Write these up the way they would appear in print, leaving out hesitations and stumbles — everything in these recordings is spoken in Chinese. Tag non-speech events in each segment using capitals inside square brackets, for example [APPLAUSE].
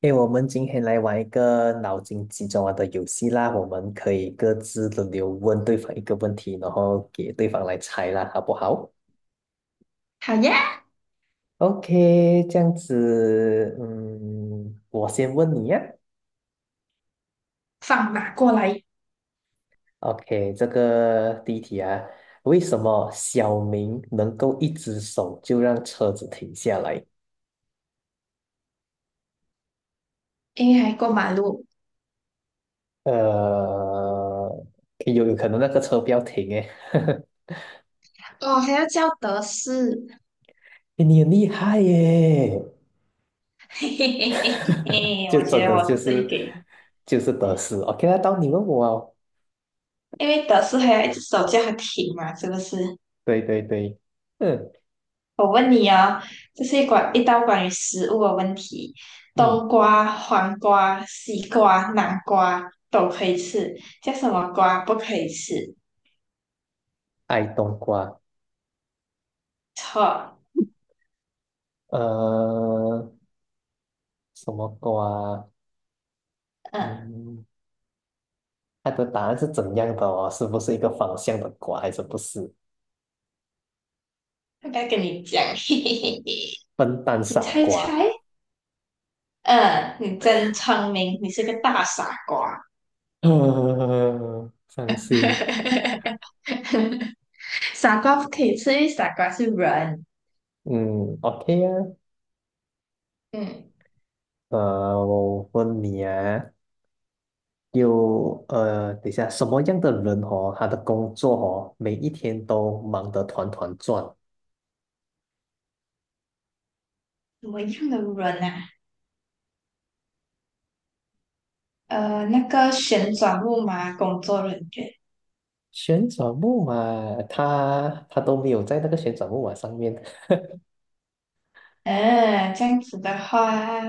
诶，我们今天来玩一个脑筋急转弯的游戏啦，我们可以各自轮流问对方一个问题，然后给对方来猜啦，好不好好呀，？OK，这样子，嗯，我先问你呀。放马过来，OK，这个第一题啊，为什么小明能够一只手就让车子停下来？因为还过马路呃，有可能那个车不要停诶，[LAUGHS] 哦，还要叫德士，诶你很厉害耶！[LAUGHS] 嘿嘿嘿嘿嘿就我真觉得的我就是最是给，得失。OK，那到你问我哦。因为德士还有一只手叫它停嘛，是不是？对对对，嗯我问你哦，这是一关一道关于食物的问题，嗯，冬瓜、黄瓜、西瓜、南瓜都可以吃，叫什么瓜不可以吃？爱冬瓜，错。呃，什么瓜啊？嗯，嗯，它的答案是怎样的哦？是不是一个方向的瓜，还是不是？要不要跟你讲？[LAUGHS] 嘿嘿嘿嘿，笨蛋你傻猜瓜，猜。嗯，你真聪明，你是个大傻瓜。[LAUGHS] 伤心。[LAUGHS] 傻瓜不可以吃，因为傻瓜是人。嗯，OK 啊，嗯，我问你啊，等一下，什么样的人哦，他的工作哦，每一天都忙得团团转？什么样的人啊？那个旋转木马工作人员。旋转木马，他都没有在那个旋转木马上面，嗯，这样子的话，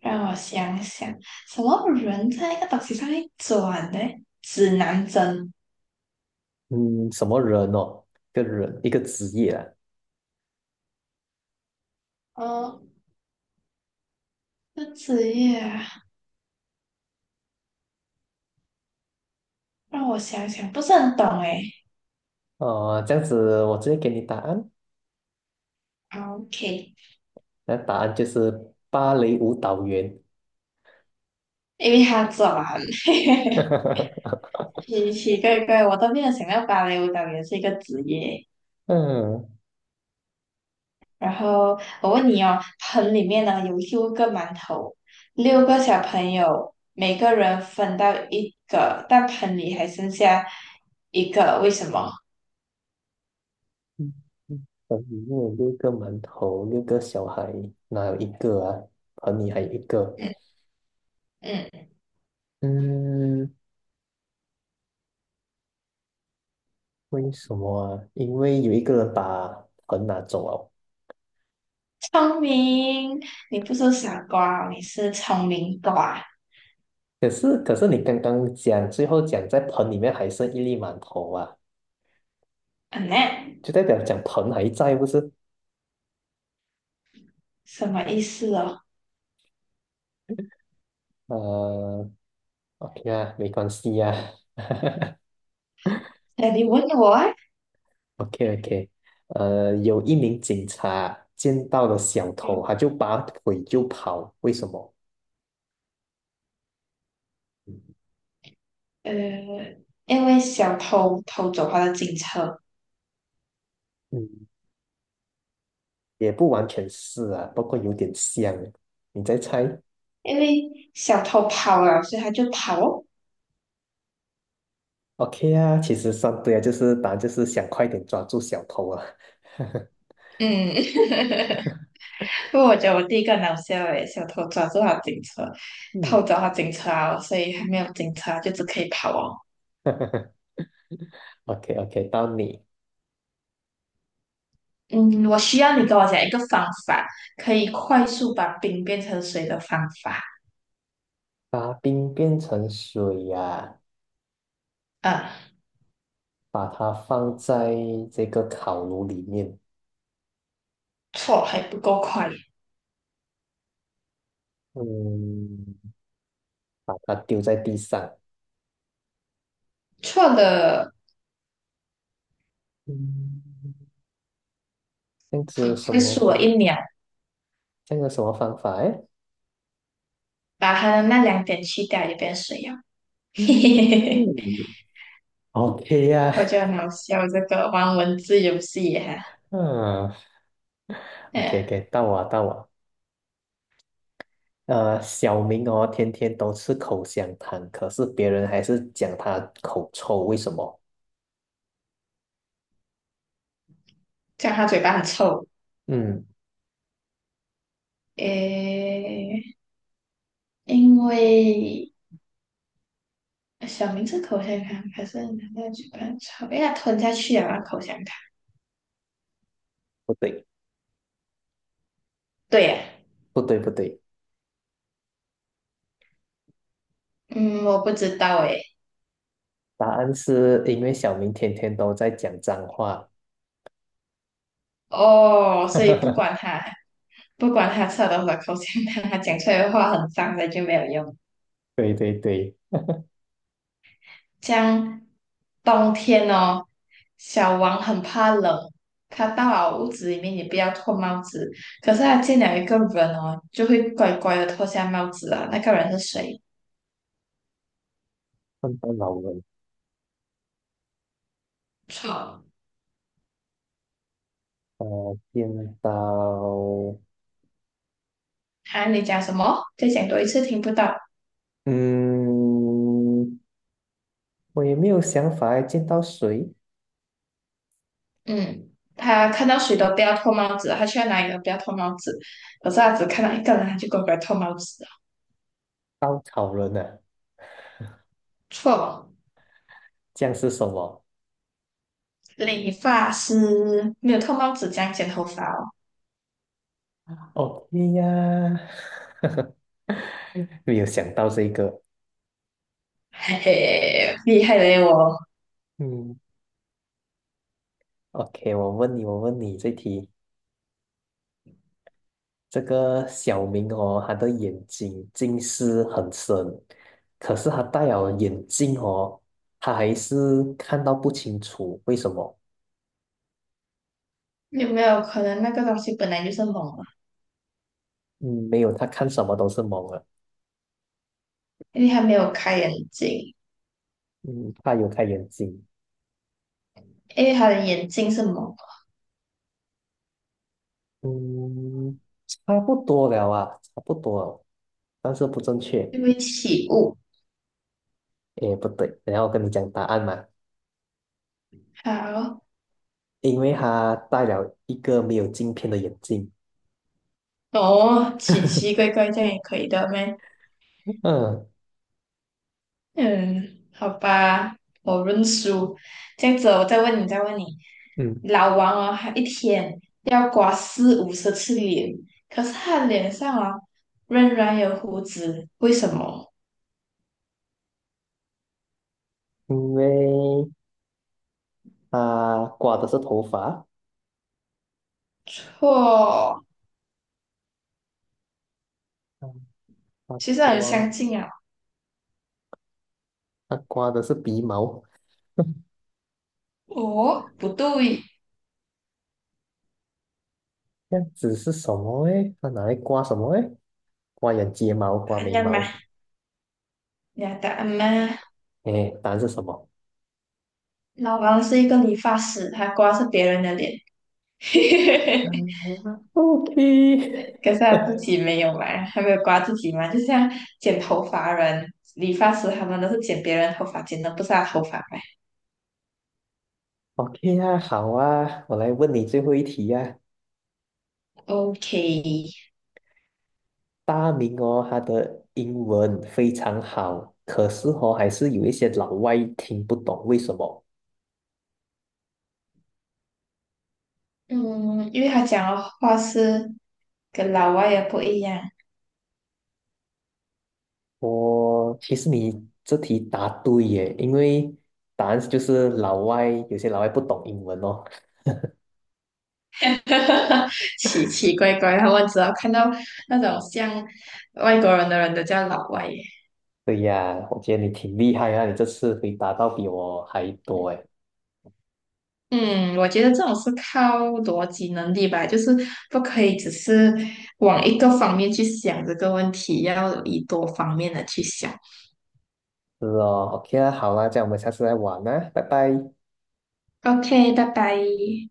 让我想想，什么人在一个东西上面转呢？指南针。嗯，什么人哦，一个人一个职业啊，哦，这职业啊，让我想想，不是很懂诶。哦，这样子我直接给你答案，OK，那答案就是芭蕾舞蹈员，因为他转，[LAUGHS] [LAUGHS] 奇奇怪怪，我都没有想到芭蕾舞蹈员是一个职业。嗯，嗯然后我问你哦，盆里面呢有六个馒头，六个小朋友，每个人分到一个，但盆里还剩下一个，为什么？嗯盆里面有六个馒头，六个小孩，哪有一个啊？盆里还有一个，嗯嗯，嗯，为什么啊？因为有一个人把盆拿走了。聪明，你不是傻瓜哦你是聪明瓜。可是你刚刚讲，最后讲在盆里面还剩一粒馒头啊，嗯呢，就代表讲盆还在，不是？什么意思哦？呃，OK 啊，没关系啊 那你问我啊？[LAUGHS]，OK OK。有一名警察见到了小偷，嗯，他就拔腿就跑，为什么？呃，因为小偷偷走他的警车，嗯，也不完全是啊，不过有点像。你再猜因为小偷跑了，所以他就跑哦。？OK 啊，其实算对啊，就是答案就是想快点抓住小偷啊。[LAUGHS] 嗯，[LAUGHS] 不过我觉得我第一个很好笑诶，小偷抓住他警车，嗯 偷走他警车啊，所以还没有警车就只可以跑哦。[LAUGHS]，OK OK，到你。嗯，我需要你跟我讲一个方法，可以快速把冰变成水的方法。把冰变成水呀、啊，把它放在这个烤炉里面，错还不够快，嗯，把它丢在地上，错了嗯，这样子有很什快么速了一方？秒，这样有什么方法？哎，把它的那两点去掉就变水了。[LAUGHS] 嘿嘿嗯嘿嘿，，OK 呀、我觉得很好笑这个玩文字游戏哈。嗯，OK 嗯，OK，到我到我，小明哦，天天都吃口香糖，可是别人还是讲他口臭，为什么？这样他嘴巴很臭。嗯，诶，因为小明是口香糖，可是拿在嘴巴抽，哎呀，吞下去啊，口香糖。不对，对呀、不对，不对，嗯，我不知道诶。答案是因为小明天天都在讲脏话。哦，所以不管 [LAUGHS] 他吃了多少口香糖，他讲出来的话很脏的就没有用。对对对，像冬天哦，小王很怕冷，他到了屋子里面也不要脱帽子，可是他见了一个人哦，就会乖乖的脱下帽子啊。那个人是谁？看到老人，错。见到，啊，你讲什么？再讲多一次，听不到。嗯，我也没有想法诶见到谁？嗯，他看到谁都不要脱帽子，他去到哪里都不要脱帽子。可是他只看到一个人，他就乖乖脱帽子了。稻草人啊，错，这样是什么理发师没有脱帽子这样剪头发哦，？OK 呀，[LAUGHS] 没有想到这个。嘿嘿，厉害嘞我。嗯，OK，我问你，我问你这题，这个小明哦，他的眼睛近视很深，可是他戴了眼镜哦，他还是看到不清楚，为什么？有没有可能那个东西本来就是蒙啊？嗯，没有，他看什么都是蒙了。因为他没有开眼睛，嗯，他有开眼睛。因为他的眼睛是蒙的，嗯，差不多了啊，差不多了，但是不正确。就会起雾。诶，不对，等一下我跟你讲答案嘛，好，因为他戴了一个没有镜片的眼镜。哦，奇奇怪怪这样也可以的咩？嗯嗯，好吧，我认输。这样子，我再问你，嗯，老王哦，他一天要刮四五十次脸，可是他脸上哦仍然有胡子，为什么？因为他刮的是头发，错，嗯他其实很相刮近啊。他刮的是鼻毛，[LAUGHS] 哦，不对，这样子是什么诶？他拿来刮什么诶？刮眼睫毛，刮哎眉呀妈，毛。你的答案吗？诶，答案是什么？老王是一个理发师，他刮是别人的脸。[LAUGHS] 嗯，OK，OK 可是他自己没有嘛，还没有刮自己嘛，就像剪头发人、理发师他们都是剪别人头发，剪的不是他头发嘛。[LAUGHS] 啊，好啊，我来问你最后一题呀、OK，大明哦，他的英文非常好，可是哦，还是有一些老外听不懂，为什么？嗯，因为他讲的话是跟老外也不一样，我其实你这题答对耶，因为答案就是老外，有些老外不懂英文哦。[LAUGHS] 奇奇怪怪，他们只要看到那种像外国人的人都叫老外耶。对呀，我觉得你挺厉害啊，你这次回答到比我还多哎。嗯，我觉得这种是靠逻辑能力吧，就是不可以只是往一个方面去想这个问题，要以多方面的去想。是哦，OK 啊，好啊，这样我们下次再玩啊，拜拜。OK, bye bye.